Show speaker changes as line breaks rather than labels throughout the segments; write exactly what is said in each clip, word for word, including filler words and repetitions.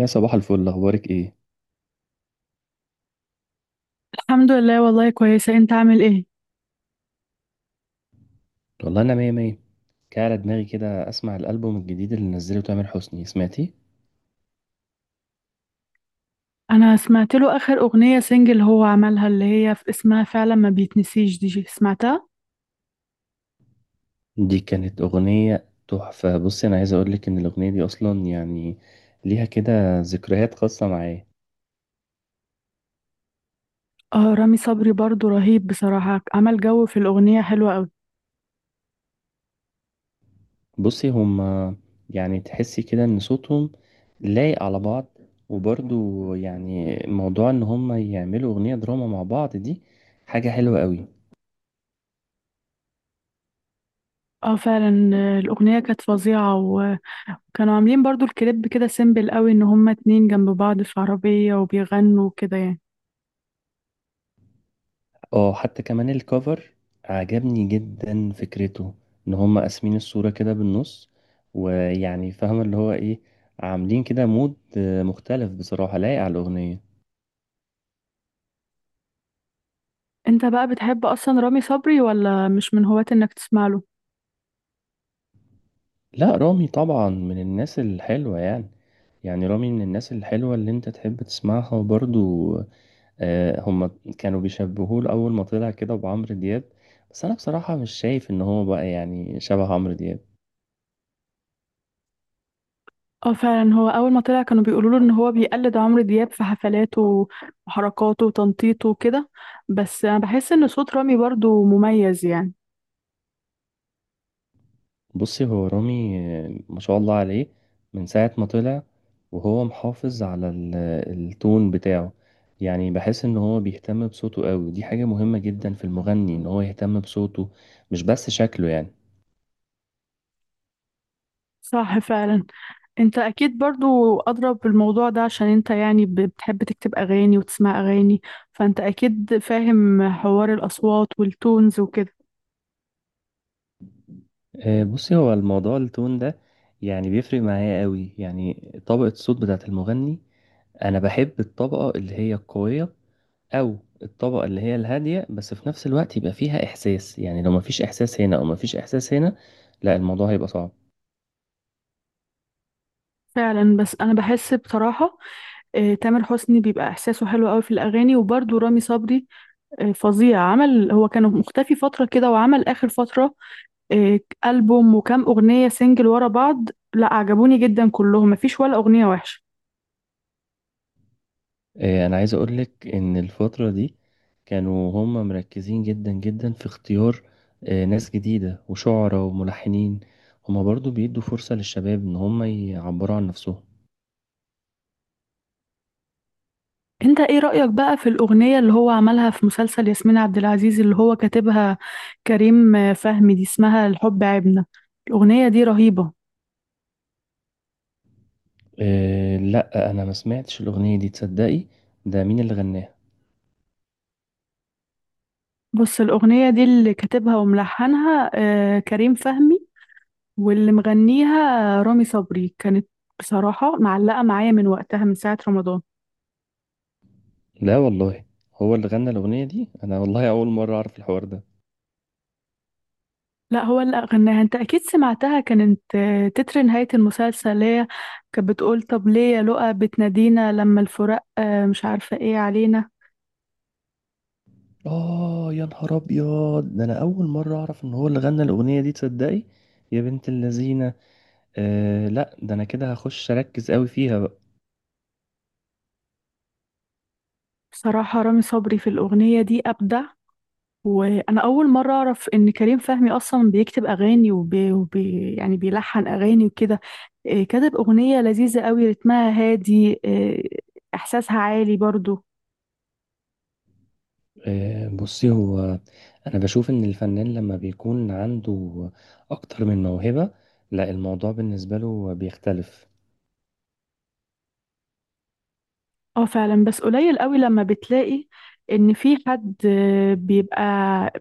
يا صباح الفل، اخبارك ايه؟
الحمد لله، والله كويسة. انت عامل ايه؟
والله انا مية مية. كان على دماغي كده اسمع الالبوم الجديد اللي نزله تامر حسني، سمعتي؟
انا سمعت له اخر اغنية سنجل هو عملها اللي هي في اسمها فعلا ما بيتنسيش دي جي. سمعتها؟
دي كانت اغنية تحفة. بصي، انا عايز اقولك ان الاغنية دي اصلا يعني ليها كده ذكريات خاصة معايا.
اه، رامي صبري برضو رهيب بصراحة، عمل جو في الاغنية حلوة قوي.
بصي، هما يعني تحسي كده ان صوتهم لايق على بعض. وبرضو يعني موضوع ان هما يعملوا اغنية دراما مع بعض دي حاجة حلوة قوي.
اه فعلا، آه، الاغنية كانت فظيعة، وكانوا عاملين برضو الكليب كده سيمبل قوي، ان هما اتنين جنب بعض في عربية وبيغنوا كده يعني.
اه، حتى كمان الكفر عجبني جدا فكرته، ان هم قاسمين الصورة كده بالنص. ويعني فاهم اللي هو ايه، عاملين كده مود آه، مختلف، بصراحة لايق على الأغنية.
انت بقى بتحب اصلا رامي صبري ولا مش من هواة انك تسمع له؟
لا، رامي طبعا من الناس الحلوة يعني. يعني رامي من الناس الحلوة اللي انت تحب تسمعها. وبرضو آه، هم كانوا بيشبهوه لأول ما طلع كده بعمرو دياب. بس انا بصراحة مش شايف ان هو بقى يعني شبه عمرو دياب.
اه فعلا، هو اول ما طلع كانوا بيقولوا له ان هو بيقلد عمرو دياب في حفلاته وحركاته وتنطيطه وكده. بس انا بحس ان صوت رامي برضو مميز يعني.
بصي، هو رامي ما شاء الله عليه، من ساعة ما طلع وهو محافظ على ال- التون بتاعه. يعني بحس ان هو بيهتم بصوته قوي، ودي حاجة مهمة جدا في المغني ان هو يهتم بصوته، مش بس شكله يعني.
صح فعلا. انت اكيد برضو اضرب بالموضوع ده عشان انت يعني ب- بتحب تكتب اغاني وتسمع اغاني، فانت اكيد فاهم حوار الاصوات والتونز وكده.
آه، بصي، هو الموضوع التون ده يعني بيفرق معايا قوي، يعني طبقة الصوت بتاعة المغني. انا بحب الطبقة اللي هي القوية، او الطبقة اللي هي الهادية، بس في نفس الوقت يبقى فيها احساس. يعني لو مفيش احساس هنا او مفيش احساس هنا، لا الموضوع هيبقى صعب.
فعلا. بس انا بحس بصراحة آه، تامر حسني بيبقى احساسه حلو قوي في الاغاني، وبرضو رامي صبري آه، فظيع. عمل هو كان مختفي فترة كده، وعمل اخر فترة إيه، ألبوم وكام أغنية سنجل ورا بعض. لا، عجبوني جدا كلهم، مفيش ولا أغنية وحشة.
آه، انا عايز اقولك ان الفترة دي كانوا هم مركزين جدا جدا في اختيار آه، ناس جديدة وشعراء وملحنين. هم برضو بيدوا فرصة للشباب ان هم يعبروا عن نفسهم.
انت ايه رأيك بقى في الأغنية اللي هو عملها في مسلسل ياسمين عبد العزيز، اللي هو كاتبها كريم آه، فهمي، دي اسمها الحب عيبنا؟ الأغنية دي رهيبة.
آه، لا انا ما سمعتش الاغنية دي، تصدقي؟ ده مين اللي غناها؟
بص، الأغنية دي اللي كاتبها وملحنها آه، كريم فهمي، واللي مغنيها آه، رامي صبري. كانت بصراحة معلقة معايا من وقتها، من ساعة رمضان.
لا والله، هو اللي غنى الاغنية دي؟ انا والله اول مرة اعرف الحوار ده.
لا، هو اللي غناها. انت اكيد سمعتها، كانت آه، تتر نهاية المسلسل، اللي هي كانت بتقول طب ليه يا لؤى بتنادينا لما الفراق آه، مش عارفة ايه علينا.
اه يا نهار ابيض، ده انا اول مرة اعرف ان هو اللي غنى الاغنية دي، تصدقي؟ يا بنت اللذينة. آه لا، ده انا كده هخش اركز قوي فيها بقى.
بصراحة رامي صبري في الأغنية دي أبدع. وأنا أول مرة أعرف إن كريم فهمي أصلا بيكتب أغاني، وبي وبي يعني بيلحن أغاني وكده. آه، كتب أغنية لذيذة قوي، رتمها هادي، آه، إحساسها عالي برضو.
آه، بصي هو، أنا بشوف إن الفنان لما بيكون عنده أكتر من موهبة، لا الموضوع بالنسبة له بيختلف.
اه فعلا، بس قليل قوي لما بتلاقي ان في حد آه، بيبقى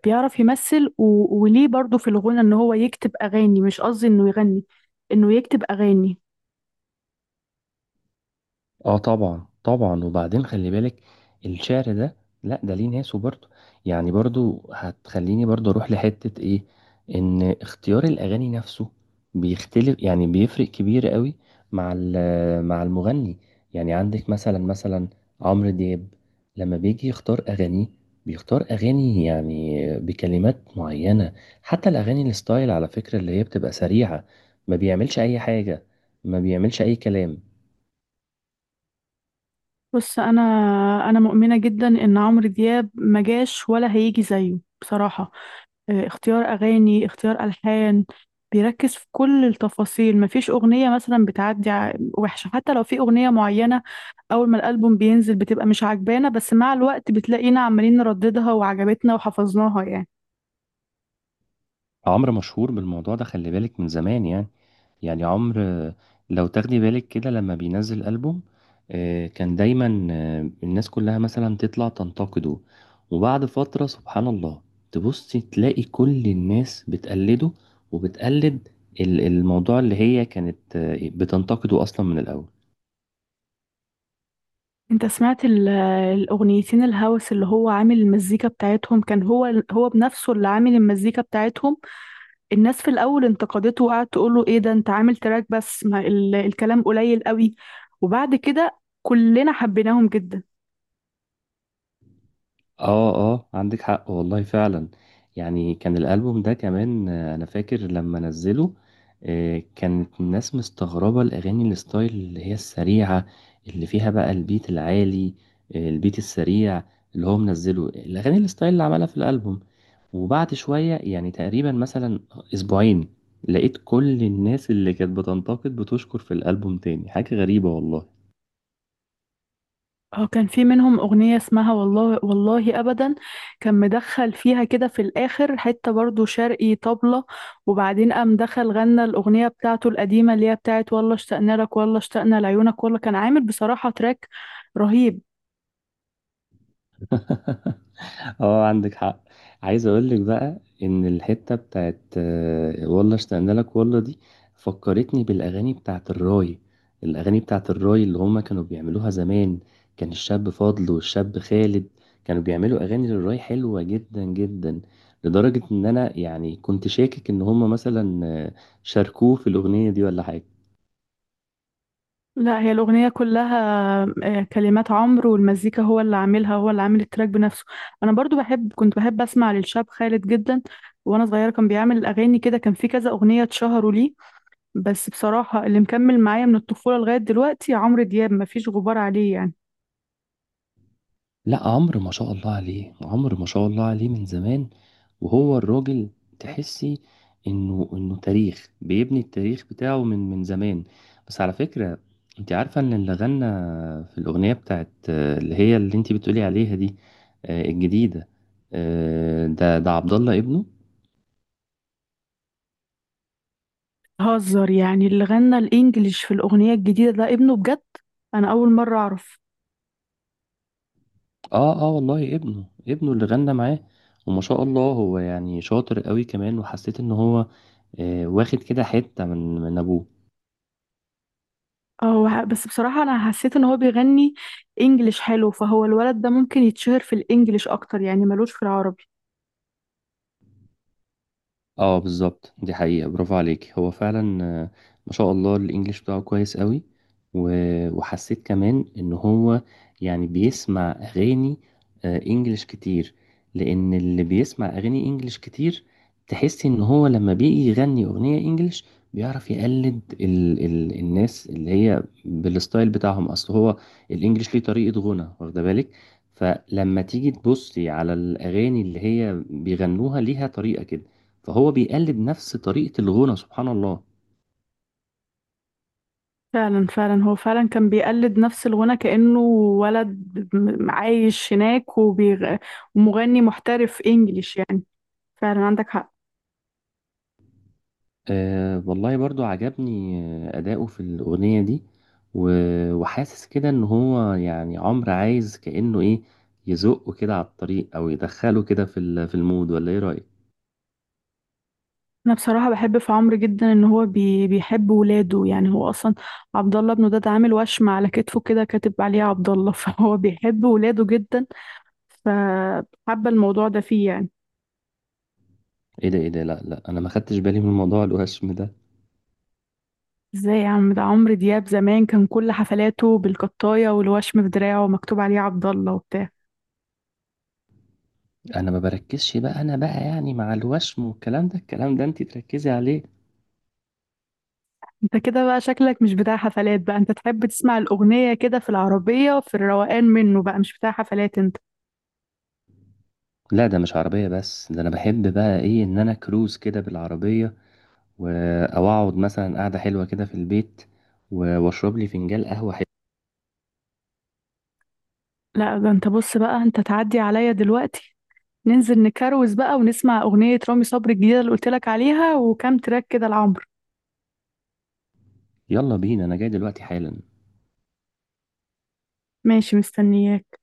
بيعرف يمثل و... وليه برضو في الغنى ان هو يكتب اغاني، مش قصدي انه يغني، انه يكتب اغاني.
اه، طبعا طبعا، وبعدين خلي بالك الشعر ده، لا ده ليه ناسه برضه. يعني برضه هتخليني برضه اروح لحتة ايه، ان اختيار الاغاني نفسه بيختلف. يعني بيفرق كبير قوي مع ال- مع المغني. يعني عندك مثلا مثلا عمرو دياب، لما بيجي يختار اغانيه، بيختار اغاني يعني بكلمات معينة. حتى الاغاني الستايل على فكرة اللي هي بتبقى سريعة، ما بيعملش اي حاجة، ما بيعملش اي كلام.
بص انا انا مؤمنة جدا ان عمرو دياب ما جاش ولا هيجي زيه بصراحة. آه، اختيار أغاني، اختيار ألحان، بيركز في كل التفاصيل. مفيش أغنية مثلا بتعدي ع- وحشة. حتى لو في أغنية معينة أول ما الألبوم بينزل بتبقى مش عجبانا، بس مع الوقت بتلاقينا عمالين نرددها وعجبتنا وحفظناها يعني.
عمرو مشهور بالموضوع ده، خلي بالك، من زمان يعني. يعني عمرو، آه، لو تاخدي بالك كده لما بينزل ألبوم، آه، كان دايما آه، الناس كلها مثلا تطلع تنتقده، وبعد فترة سبحان الله تبصي تلاقي كل الناس بتقلده، وبتقلد ال- الموضوع اللي هي كانت آه، بتنتقده أصلا من الأول.
انت سمعت ال- الأغنيتين الهوس اللي هو عامل المزيكا بتاعتهم؟ كان هو هو بنفسه اللي عامل المزيكا بتاعتهم. الناس في الأول انتقدته وقعدت تقول له ايه ده انت عامل تراك بس ما ال- الكلام قليل قوي، وبعد كده كلنا حبيناهم جدا.
اه اه، عندك حق والله فعلا. يعني كان الألبوم ده كمان، آه، انا فاكر لما نزله، آه، كانت الناس مستغربة الأغاني الستايل اللي هي السريعة، اللي فيها بقى البيت العالي، آه، البيت السريع، اللي هو منزله الأغاني الستايل اللي عملها في الألبوم. وبعد شوية يعني تقريبا مثلا أسبوعين، لقيت كل الناس اللي كانت بتنتقد بتشكر في الألبوم تاني. حاجة غريبة والله.
اه، كان في منهم أغنية اسمها والله والله أبدا، كان مدخل فيها كده في الآخر حتة برضو شرقي طبلة، وبعدين قام دخل غنى الأغنية بتاعته القديمة اللي هي بتاعت والله اشتقنا لك، والله اشتقنا لعيونك. والله كان عامل بصراحة تراك رهيب.
اه، عندك حق. عايز اقول لك بقى ان الحته بتاعت آه، والله اشتقنا لك والله دي، فكرتني بالاغاني بتاعت الراي. الاغاني بتاعت الراي اللي هما كانوا بيعملوها زمان، كان الشاب فاضل والشاب خالد كانوا بيعملوا اغاني للراي حلوه جدا جدا. لدرجه ان انا يعني كنت شاكك ان هما مثلا آه، شاركوه في الاغنيه دي ولا حاجه.
لا، هي الأغنية كلها آه، كلمات عمرو، والمزيكا هو اللي عاملها، هو اللي عامل التراك بنفسه. أنا برضو بحب، كنت بحب أسمع للشاب خالد جدا وأنا صغيرة، كان بيعمل أغاني كده، كان في كذا أغنية اتشهروا ليه. بس بصراحة اللي مكمل معايا من الطفولة لغاية دلوقتي عمرو دياب، مفيش غبار عليه يعني.
لأ، عمرو ما شاء الله عليه، عمرو ما شاء الله عليه من زمان. وهو الراجل، تحسّي إنه إنه تاريخ، بيبني التاريخ بتاعه من من زمان. بس على فكرة، أنتِ عارفة إن اللي غنّى في الأغنية بتاعة اللي هي اللي أنتِ بتقولي عليها دي، آآ الجديدة، آآ ده ده عبد الله ابنه؟
هزر يعني؟ اللي غنى الإنجليش في الأغنية الجديدة ده ابنه بجد؟ أنا أول مرة أعرف.
آه، آه والله ابنه، ابنه اللي غنّى معاه. وما شاء الله هو يعني شاطر أوي كمان، وحسّيت إن هو آآ واخد كده حتّة من من أبوه.
اه بس بصراحة أنا حسيت إن هو بيغني إنجليش حلو، فهو الولد ده ممكن يتشهر في الإنجليش أكتر يعني، ملوش في العربي.
اه بالظبط، دي حقيقة، برافو عليك، هو فعلا آه، ما شاء الله الانجليش بتاعه كويس قوي. و- وحسيت كمان ان هو يعني بيسمع اغاني آه، انجليش كتير. لان اللي بيسمع اغاني انجليش كتير، تحس ان هو لما بيجي يغني اغنية انجليش بيعرف يقلد ال ال الناس اللي هي بالستايل بتاعهم. اصل هو الانجليش ليه طريقة غنى، واخده بالك؟ فلما تيجي تبصي على الاغاني اللي هي بيغنوها، ليها طريقة كده. فهو بيقلد نفس طريقة الغنى، سبحان الله.
فعلا فعلا، هو فعلا كان بيقلد نفس الغنى كأنه ولد م- عايش هناك وبيغ... ومغني محترف إنجليش يعني. فعلا عندك حق.
آه والله برضو عجبني آه، أداؤه في الأغنية دي. و- وحاسس كده إن هو يعني عمرو عايز كأنه إيه، يزقه كده على الطريق، أو يدخله كده في ال- في المود، ولا إيه رأيك؟
انا بصراحه بحب في عمرو جدا ان هو بي بيحب ولاده. يعني هو اصلا عبد الله ابنه ده اتعامل وشم على كتفه كده كاتب عليه عبد الله فهو بيحب ولاده جدا، فحابه الموضوع ده فيه يعني.
إيه ده، إيه ده، لا لا، أنا ما خدتش بالي من موضوع الوشم ده.
ازاي يا عم؟ ده عمرو دياب زمان كان كل حفلاته بالقطايه، والوشم في دراعه ومكتوب عليه عبد الله وبتاع.
أنا ما بركزش بقى، أنا بقى يعني مع الوشم والكلام ده، الكلام ده أنتي تركزي عليه.
انت كده بقى شكلك مش بتاع حفلات بقى، انت تحب تسمع الاغنيه كده في العربيه في الروقان منه بقى، مش بتاع حفلات انت.
لا، ده مش عربية بس، ده أنا بحب بقى إيه، إن أنا كروز كده بالعربية، و- او اقعد مثلا قعده حلوه كده في البيت، و- واشرب لي فنجان قهوه حلو.
لا ده انت بص بقى، انت تعدي عليا دلوقتي، ننزل نكروز بقى ونسمع أغنية رامي صبري الجديدة اللي قلت لك عليها، وكام تراك كده لعمرو.
يلا بينا، انا جاي دلوقتي حالا.
ماشي، مستنياك.